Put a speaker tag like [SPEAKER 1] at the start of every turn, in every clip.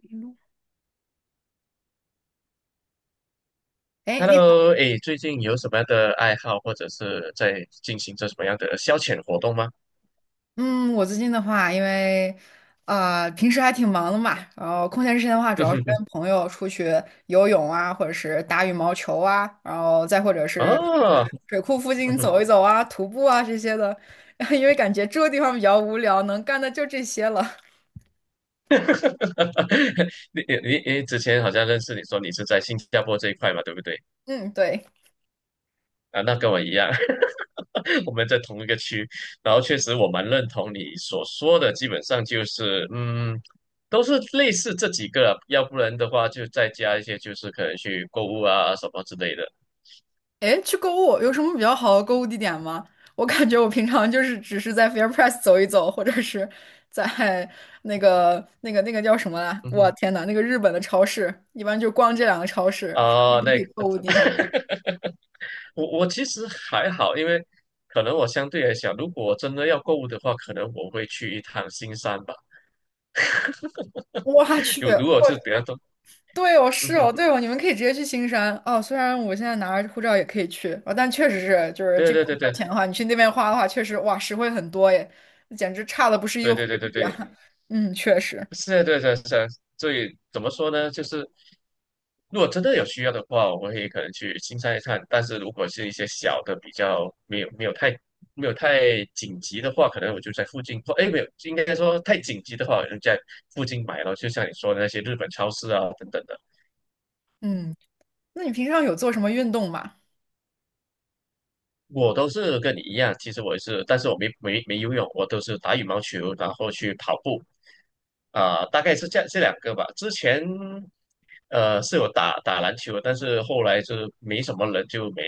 [SPEAKER 1] 一路哎，诶你好。
[SPEAKER 2] Hello，哎，最近有什么样的爱好，或者是在进行着什么样的消遣活动吗？
[SPEAKER 1] 嗯，我最近的话，因为平时还挺忙的嘛。然后空闲时间的话，主
[SPEAKER 2] 嗯
[SPEAKER 1] 要是
[SPEAKER 2] 哼哼，
[SPEAKER 1] 跟朋友出去游泳啊，或者是打羽毛球啊，然后再或者是
[SPEAKER 2] 哦，
[SPEAKER 1] 去水库附
[SPEAKER 2] 嗯
[SPEAKER 1] 近
[SPEAKER 2] 哼
[SPEAKER 1] 走一走啊，徒步啊这些的。因为感觉住的地方比较无聊，能干的就这些了。
[SPEAKER 2] 你之前好像认识你说你是在新加坡这一块嘛，对不对？
[SPEAKER 1] 嗯，对。
[SPEAKER 2] 啊，那跟我一样，我们在同一个区，然后确实我蛮认同你所说的，基本上就是都是类似这几个啊，要不然的话就再加一些，就是可能去购物啊什么之类的。
[SPEAKER 1] 诶，去购物有什么比较好的购物地点吗？我感觉我平常就是只是在 FairPrice 走一走，或者是在那个叫什么来？
[SPEAKER 2] 嗯
[SPEAKER 1] 我
[SPEAKER 2] 哼，
[SPEAKER 1] 天呐，那个日本的超市，一般就逛这两个超市，还有
[SPEAKER 2] 啊、
[SPEAKER 1] 什么可
[SPEAKER 2] 那
[SPEAKER 1] 以
[SPEAKER 2] 个
[SPEAKER 1] 购物地方？
[SPEAKER 2] 我其实还好，因为可能我相对来讲，如果我真的要购物的话，可能我会去一趟新山吧。
[SPEAKER 1] 我 去，
[SPEAKER 2] 有如果是比
[SPEAKER 1] 我
[SPEAKER 2] 较多，
[SPEAKER 1] 对哦，
[SPEAKER 2] 嗯
[SPEAKER 1] 是哦，
[SPEAKER 2] 哼，
[SPEAKER 1] 对哦，你们可以直接去新山哦。虽然我现在拿着护照也可以去啊，但确实是，就是
[SPEAKER 2] 对
[SPEAKER 1] 这
[SPEAKER 2] 对
[SPEAKER 1] 边
[SPEAKER 2] 对
[SPEAKER 1] 花
[SPEAKER 2] 对
[SPEAKER 1] 钱的话，你去那边花的话，确实哇，实惠很多耶，简直差的不是一个
[SPEAKER 2] 对
[SPEAKER 1] 汇
[SPEAKER 2] 对对对
[SPEAKER 1] 率
[SPEAKER 2] 对，
[SPEAKER 1] 啊。嗯，确实。
[SPEAKER 2] 是啊，对对是啊。所以怎么说呢？就是如果真的有需要的话，我会可能去新山一趟。但是如果是一些小的，比较没有太紧急的话，可能我就在附近或哎没有，应该说太紧急的话，我就在附近买了。就像你说的那些日本超市啊等等的。
[SPEAKER 1] 嗯。那你平常有做什么运动吗？
[SPEAKER 2] 我都是跟你一样，其实我也是，但是我没游泳，我都是打羽毛球，然后去跑步，啊、大概是这两个吧。之前，是有打打篮球，但是后来就是没什么人，就没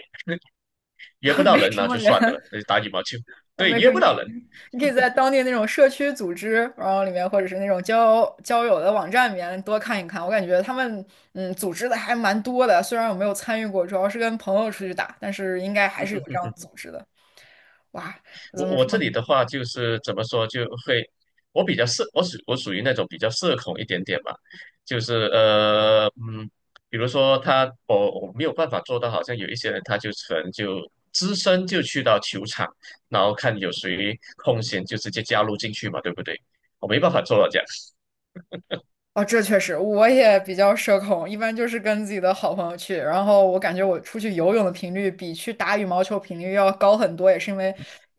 [SPEAKER 2] 约不 到
[SPEAKER 1] 没
[SPEAKER 2] 人，
[SPEAKER 1] 什
[SPEAKER 2] 那
[SPEAKER 1] 么
[SPEAKER 2] 就
[SPEAKER 1] 人。
[SPEAKER 2] 算的了，那就打羽毛球。对，
[SPEAKER 1] 没
[SPEAKER 2] 约
[SPEAKER 1] 事，
[SPEAKER 2] 不
[SPEAKER 1] 你
[SPEAKER 2] 到人。
[SPEAKER 1] 你可以在当地那种社区组织，然后里面或者是那种交友的网站里面多看一看。我感觉他们组织的还蛮多的，虽然我没有参与过，主要是跟朋友出去打，但是应该还是有这样组织的。哇，怎
[SPEAKER 2] 我
[SPEAKER 1] 么
[SPEAKER 2] 我
[SPEAKER 1] 说？
[SPEAKER 2] 这里的话就是怎么说，就会我比较社，我属于那种比较社恐一点点吧，就是比如说他我没有办法做到，好像有一些人他就可能就只身就去到球场，然后看有谁空闲就直接加入进去嘛，对不对？我没办法做到这样，
[SPEAKER 1] 哦，这确实，我也比较社恐，一般就是跟自己的好朋友去。然后我感觉我出去游泳的频率比去打羽毛球频率要高很多，也是因为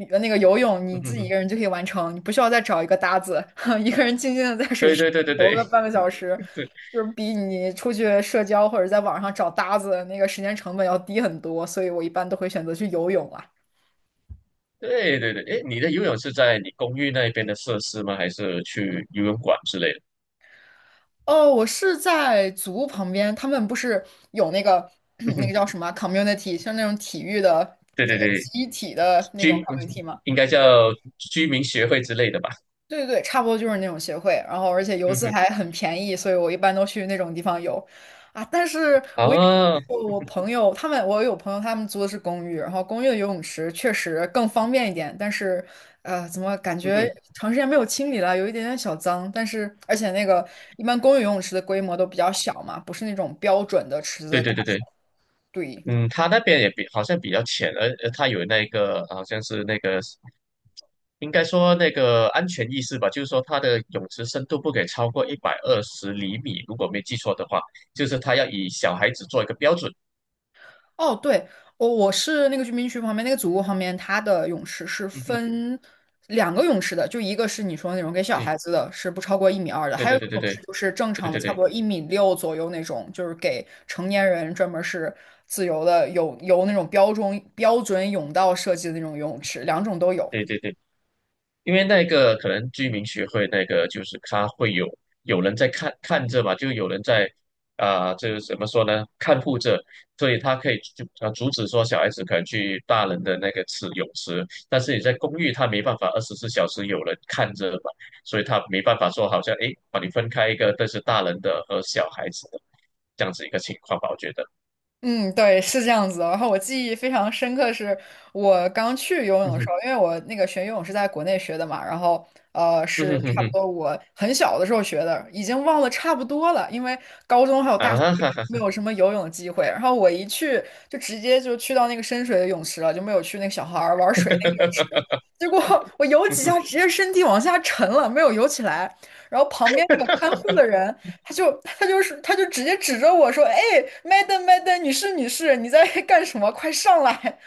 [SPEAKER 1] 那个游泳 你
[SPEAKER 2] 嗯
[SPEAKER 1] 自
[SPEAKER 2] 哼
[SPEAKER 1] 己一
[SPEAKER 2] 哼，
[SPEAKER 1] 个人就可以完成，你不需要再找一个搭子，一个人静静的在水
[SPEAKER 2] 对
[SPEAKER 1] 池上
[SPEAKER 2] 对对对
[SPEAKER 1] 游
[SPEAKER 2] 对
[SPEAKER 1] 个半个小时，
[SPEAKER 2] 对
[SPEAKER 1] 就是比你出去社交或者在网上找搭子那个时间成本要低很多，所以我一般都会选择去游泳啊。
[SPEAKER 2] 对对对，哎，你的游泳是在你公寓那边的设施吗？还是去游泳馆之类的？
[SPEAKER 1] 哦，我是在足旁边，他们不是有那个
[SPEAKER 2] 嗯
[SPEAKER 1] 那
[SPEAKER 2] 哼，
[SPEAKER 1] 个叫什么啊 community，像那种体育的。
[SPEAKER 2] 对对对。
[SPEAKER 1] 一体的那种
[SPEAKER 2] 居嗯
[SPEAKER 1] community 吗？
[SPEAKER 2] 应该叫居民协会之类的吧？
[SPEAKER 1] 对对对，差不多就是那种协会。然后而且游
[SPEAKER 2] 嗯
[SPEAKER 1] 资
[SPEAKER 2] 哼，
[SPEAKER 1] 还很便宜，所以我一般都去那种地方游啊。但是我也
[SPEAKER 2] 啊，
[SPEAKER 1] 我有朋友他们租的是公寓，然后公寓的游泳池确实更方便一点，但是呃，怎么感
[SPEAKER 2] 嗯
[SPEAKER 1] 觉
[SPEAKER 2] 哼，
[SPEAKER 1] 长时间没有清理了，有一点点小脏。但是而且那个一般公寓游泳池的规模都比较小嘛，不是那种标准的池子
[SPEAKER 2] 对
[SPEAKER 1] 的大。
[SPEAKER 2] 对对对，
[SPEAKER 1] 对，
[SPEAKER 2] 嗯，他那边也比好像比较浅，而他有那个好像是那个应该说那个安全意识吧，就是说它的泳池深度不给超过120厘米，如果没记错的话，就是他要以小孩子做一个标准。
[SPEAKER 1] 哦，对，我我是那个居民区旁边那个祖屋旁边，它的泳池是
[SPEAKER 2] 嗯哼，
[SPEAKER 1] 分两个泳池的，就一个是你说那种给小孩子的，是不超过1米2的，
[SPEAKER 2] 对
[SPEAKER 1] 还有
[SPEAKER 2] 对
[SPEAKER 1] 一
[SPEAKER 2] 对
[SPEAKER 1] 个
[SPEAKER 2] 对
[SPEAKER 1] 泳
[SPEAKER 2] 对
[SPEAKER 1] 池
[SPEAKER 2] 对
[SPEAKER 1] 就是正
[SPEAKER 2] 对
[SPEAKER 1] 常的，
[SPEAKER 2] 对
[SPEAKER 1] 差
[SPEAKER 2] 对
[SPEAKER 1] 不
[SPEAKER 2] 对
[SPEAKER 1] 多1米6左右那种，就是给成年人专门是自由的，有那种标准泳道设计的那种游泳池，两种都有。
[SPEAKER 2] 对对对。因为那个可能居民学会那个就是他会有人在看看着嘛，就有人在啊、这个怎么说呢？看护着，所以他可以就阻止说小孩子可能去大人的那个泳池，但是你在公寓他没办法24小时有人看着嘛，所以他没办法说好像诶把你分开一个，但是大人的和小孩子的这样子一个情况吧，我觉得，
[SPEAKER 1] 嗯，对，是这样子的。然后我记忆非常深刻，是我刚去游
[SPEAKER 2] 嗯
[SPEAKER 1] 泳的时
[SPEAKER 2] 哼，
[SPEAKER 1] 候，因为我那个学游泳是在国内学的嘛，然后
[SPEAKER 2] 嗯
[SPEAKER 1] 是
[SPEAKER 2] 哼哼
[SPEAKER 1] 差不
[SPEAKER 2] 哼，
[SPEAKER 1] 多我很小的时候学的，已经忘了差不多了，因为高中还有大
[SPEAKER 2] 啊
[SPEAKER 1] 学
[SPEAKER 2] 哈哈哈，
[SPEAKER 1] 没有什么游泳的机会。然后我一去就直接就去到那个深水的泳池了，就没有去那个小孩儿玩水那个泳 池。结果我游
[SPEAKER 2] 嗯
[SPEAKER 1] 几
[SPEAKER 2] 哼，
[SPEAKER 1] 下，直接身体往下沉了，没有游起来。然后旁边那个看 护的人。他就直接指着我说：“哎麦 a m m a d 女士，你在 干什么？快上来！”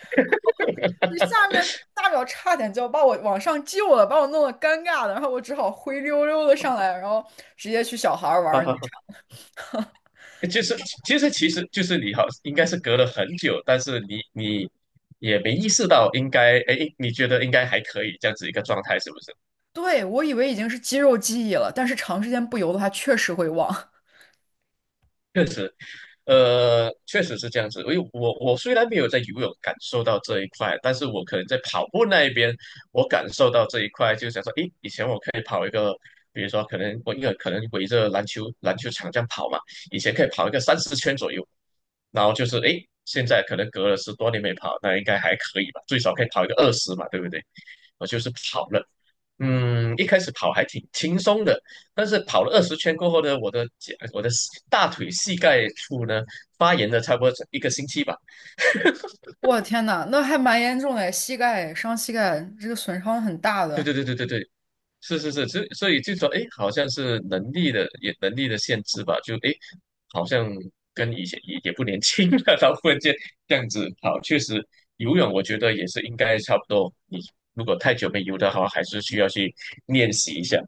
[SPEAKER 1] 你下面大秒差点就要把我往上救了，把我弄得尴尬的，然后我只好灰溜溜的上来，然后直接去小孩
[SPEAKER 2] 哈
[SPEAKER 1] 玩。
[SPEAKER 2] 哈哈。就是其实就是你好，应该是隔了很久，但是你也没意识到应该，哎，你觉得应该还可以这样子一个状态，是不是？
[SPEAKER 1] 对，我以为已经是肌肉记忆了，但是长时间不游的话，确实会忘。
[SPEAKER 2] 确实确实是这样子。因为我虽然没有在游泳感受到这一块，但是我可能在跑步那一边，我感受到这一块，就想说，诶，以前我可以跑一个，比如说可能我因为可能围着篮球场这样跑嘛，以前可以跑一个30圈左右，然后就是诶，现在可能隔了10多年没跑，那应该还可以吧，最少可以跑一个二十嘛，对不对？我就是跑了，一开始跑还挺轻松的。但是跑了20圈过后呢，我的脚、我的大腿、膝盖处呢发炎了，差不多一个星期吧。
[SPEAKER 1] 我的天呐，那还蛮严重的，膝盖伤膝盖，这个损伤很大
[SPEAKER 2] 对对
[SPEAKER 1] 的。
[SPEAKER 2] 对对对对，是是是，所以就说，哎，好像是能力的限制吧，就哎，诶好像跟以前也不年轻了，然后忽然间这样子好，确实游泳我觉得也是应该差不多，你如果太久没游的话，还是需要去练习一下。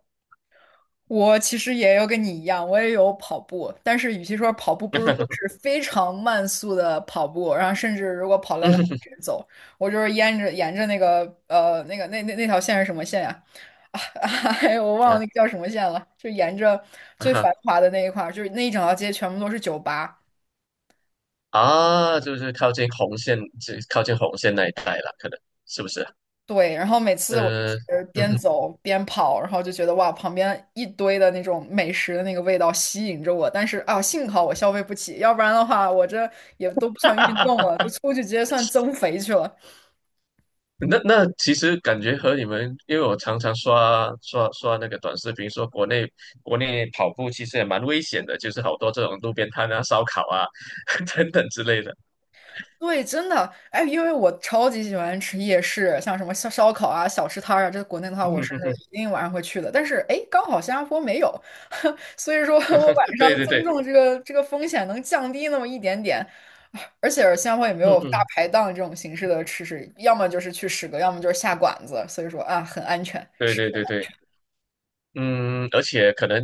[SPEAKER 1] 我其实也有跟你一样，我也有跑步，但是与其说跑步，不如说是非常慢速的跑步，然后甚至如果跑 累
[SPEAKER 2] 嗯
[SPEAKER 1] 了
[SPEAKER 2] 哼
[SPEAKER 1] 直
[SPEAKER 2] 哼
[SPEAKER 1] 接走。我就是沿着那个那个那那条线是什么线呀、啊？哎，我忘了
[SPEAKER 2] 啊
[SPEAKER 1] 那个叫什么线了，就沿着
[SPEAKER 2] 啊
[SPEAKER 1] 最
[SPEAKER 2] 哈
[SPEAKER 1] 繁华的那一块儿，就是那一整条街全部都是酒吧。
[SPEAKER 2] 啊，就是靠近红线，这靠近红线那一带了，可能是不是？
[SPEAKER 1] 对，然后每次我就
[SPEAKER 2] 呃，
[SPEAKER 1] 是
[SPEAKER 2] 嗯
[SPEAKER 1] 边
[SPEAKER 2] 哼，
[SPEAKER 1] 走边跑，然后就觉得哇，旁边一堆的那种美食的那个味道吸引着我，但是啊，幸好我消费不起，要不然的话，我这也都不算运动 了，就出去直接算增肥去了。
[SPEAKER 2] 那其实感觉和你们，因为我常常刷刷刷那个短视频，说国内跑步其实也蛮危险的，就是好多这种路边摊啊、烧烤啊 等等之类的。
[SPEAKER 1] 对，真的。哎，因为我超级喜欢吃夜市，像什么烧烤啊、小吃摊儿啊，这国内的话我是一 定晚上会去的。但是，哎，刚好新加坡没有。所以说我晚上
[SPEAKER 2] 对对
[SPEAKER 1] 增
[SPEAKER 2] 对，
[SPEAKER 1] 重这个风险能降低那么一点点。而且新加坡也没
[SPEAKER 2] 嗯
[SPEAKER 1] 有大
[SPEAKER 2] 嗯，
[SPEAKER 1] 排档这种形式的吃食，要么就是去食阁，要么就是下馆子，所以说啊，很安全。
[SPEAKER 2] 对对对对。嗯，而且可能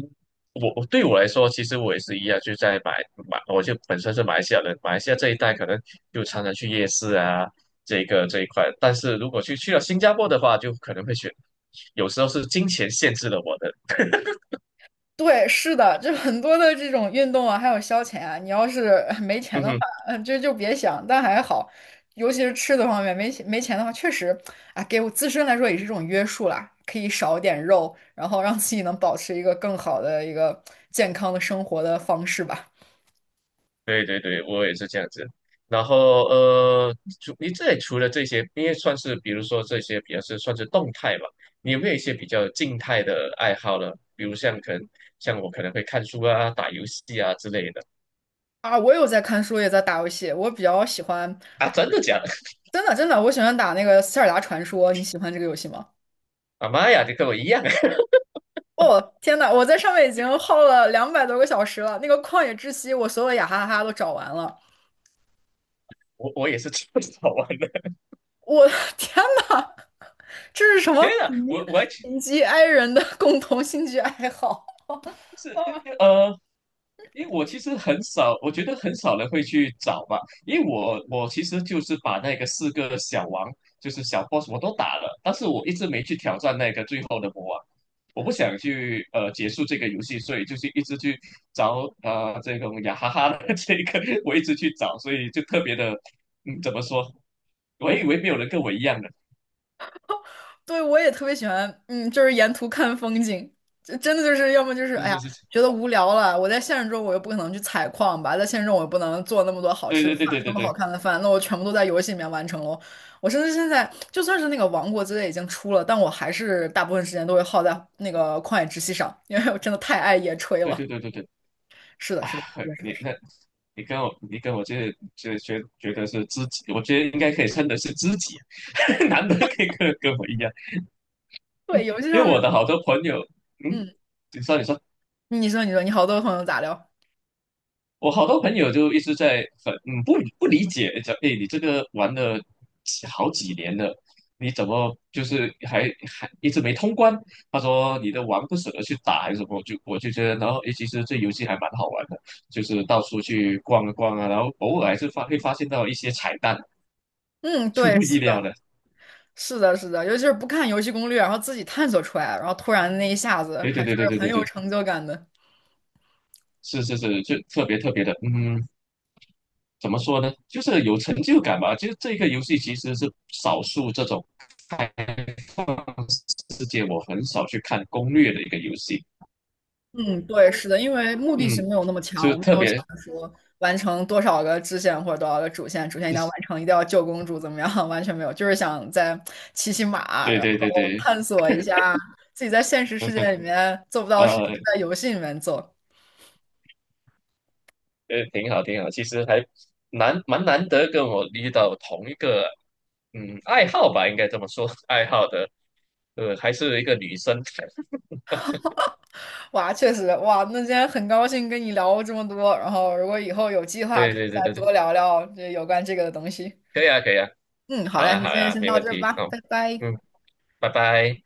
[SPEAKER 2] 我对我来说，其实我也是一样，就在马，我就本身是马来西亚人，马来西亚这一带可能就常常去夜市啊，这个这一块。但是如果去了新加坡的话，就可能会选，有时候是金钱限制了我的。
[SPEAKER 1] 对，是的，就很多的这种运动啊，还有消遣啊，你要是 没钱
[SPEAKER 2] 嗯
[SPEAKER 1] 的话，
[SPEAKER 2] 哼，
[SPEAKER 1] 嗯，就别想。但还好，尤其是吃的方面，没钱的话，确实啊，给我自身来说也是一种约束啦，可以少点肉，然后让自己能保持一个更好的一个健康的生活的方式吧。
[SPEAKER 2] 对对对，我也是这样子。然后除你这里除了这些，因为算是比如说这些比较是算是动态嘛，你有没有一些比较静态的爱好呢？比如像可能像我可能会看书啊、打游戏啊之类的。
[SPEAKER 1] 啊，我有在看书，也在打游戏，我比较喜欢。
[SPEAKER 2] 啊，真的假的？
[SPEAKER 1] 真的真的，我喜欢打那个《塞尔达传说》，你喜欢这个游戏吗？
[SPEAKER 2] 啊妈呀，你跟我一样啊，
[SPEAKER 1] 哦，天呐，我在上面已经耗了200多个小时了，那个旷野之息，我所有的雅哈哈都找完了。
[SPEAKER 2] 我也是这么早玩的。
[SPEAKER 1] 我的 天呐，这是什 么
[SPEAKER 2] 天啊，
[SPEAKER 1] 贫
[SPEAKER 2] 我还其就
[SPEAKER 1] 贫瘠 i 人的共同兴趣爱好？
[SPEAKER 2] 是呃，因为我其实很少，我觉得很少人会去找吧，因为我其实就是把那个四个小王，就是小 boss 我都打了，但是我一直没去挑战那个最后的魔王。我不想去结束这个游戏，所以就是一直去找这种雅哈哈的这个，我一直去找，所以就特别的，嗯，怎么说？我还以为没有人跟我一样的，
[SPEAKER 1] 对，我也特别喜欢。嗯，就是沿途看风景，这真的就是要么就是，
[SPEAKER 2] 是
[SPEAKER 1] 哎呀，
[SPEAKER 2] 是是，
[SPEAKER 1] 觉得无聊了，我在现实中我又不可能去采矿吧，在现实中我又不能做那么多好
[SPEAKER 2] 对
[SPEAKER 1] 吃的
[SPEAKER 2] 对
[SPEAKER 1] 饭，
[SPEAKER 2] 对对
[SPEAKER 1] 那
[SPEAKER 2] 对
[SPEAKER 1] 么好
[SPEAKER 2] 对
[SPEAKER 1] 看的饭，那我全部都在游戏里面完成喽。我甚至现在就算是那个《王国之泪》已经出了，但我还是大部分时间都会耗在那个旷野之息上，因为我真的太爱野炊
[SPEAKER 2] 对
[SPEAKER 1] 了。
[SPEAKER 2] 对对对对，
[SPEAKER 1] 是的，
[SPEAKER 2] 啊，
[SPEAKER 1] 是的，是的，是的，
[SPEAKER 2] 你
[SPEAKER 1] 是的。
[SPEAKER 2] 那，你跟我这觉得是知己，我觉得应该可以称得是知己，难得可以跟我一样，
[SPEAKER 1] 对，游戏
[SPEAKER 2] 因为
[SPEAKER 1] 上面。
[SPEAKER 2] 我的好多朋友，嗯，
[SPEAKER 1] 嗯，
[SPEAKER 2] 你说你说。
[SPEAKER 1] 你说，你说，你好多朋友咋聊？
[SPEAKER 2] 我好多朋友就一直在很不理解，讲哎你这个玩了好几年了，你怎么就是还一直没通关？他说你的玩不舍得去打还是什么？就我就觉得，然后哎其实这游戏还蛮好玩的，就是到处去逛一逛啊，然后偶尔还是会发现到一些彩蛋，
[SPEAKER 1] 嗯，
[SPEAKER 2] 出
[SPEAKER 1] 对，
[SPEAKER 2] 乎
[SPEAKER 1] 是。
[SPEAKER 2] 意料的。
[SPEAKER 1] 是的，是的，尤其是不看游戏攻略，然后自己探索出来，然后突然那一下子
[SPEAKER 2] 对
[SPEAKER 1] 还
[SPEAKER 2] 对
[SPEAKER 1] 是
[SPEAKER 2] 对对对
[SPEAKER 1] 很
[SPEAKER 2] 对
[SPEAKER 1] 有
[SPEAKER 2] 对，
[SPEAKER 1] 成就感的。
[SPEAKER 2] 是是是，就特别特别的，嗯，怎么说呢？就是有成就感吧。就是这个游戏其实是少数这种。世界，我很少去看攻略的一个游戏，
[SPEAKER 1] 嗯，对，是的，因为目的性
[SPEAKER 2] 嗯，
[SPEAKER 1] 没有那么强，
[SPEAKER 2] 就
[SPEAKER 1] 我没
[SPEAKER 2] 特
[SPEAKER 1] 有想
[SPEAKER 2] 别
[SPEAKER 1] 着说完成多少个支线或者多少个主线，主线一
[SPEAKER 2] 就
[SPEAKER 1] 定要
[SPEAKER 2] 是
[SPEAKER 1] 完成，一定要救公主怎么样，完全没有，就是想再骑骑马，
[SPEAKER 2] 对
[SPEAKER 1] 然
[SPEAKER 2] 对对
[SPEAKER 1] 后
[SPEAKER 2] 对，
[SPEAKER 1] 探索一下自己在现实世
[SPEAKER 2] 嗯哼，
[SPEAKER 1] 界里面做不到的事情，
[SPEAKER 2] 呃
[SPEAKER 1] 在游戏里面做。
[SPEAKER 2] 挺好挺好，其实还蛮难得跟我遇到同一个爱好吧，应该这么说，爱好的，还是一个女生，
[SPEAKER 1] 哇，确实，哇，那今天很高兴跟你聊这么多，然后如果以后有计划，
[SPEAKER 2] 对
[SPEAKER 1] 可以
[SPEAKER 2] 对
[SPEAKER 1] 再
[SPEAKER 2] 对对对，
[SPEAKER 1] 多聊聊这有关这个的东西。
[SPEAKER 2] 可以啊可以啊，
[SPEAKER 1] 嗯，好
[SPEAKER 2] 好
[SPEAKER 1] 嘞，那
[SPEAKER 2] 呀
[SPEAKER 1] 今
[SPEAKER 2] 好
[SPEAKER 1] 天
[SPEAKER 2] 呀，
[SPEAKER 1] 先
[SPEAKER 2] 没
[SPEAKER 1] 到
[SPEAKER 2] 问
[SPEAKER 1] 这儿
[SPEAKER 2] 题，
[SPEAKER 1] 吧，
[SPEAKER 2] 好，
[SPEAKER 1] 拜拜。
[SPEAKER 2] 嗯，拜拜。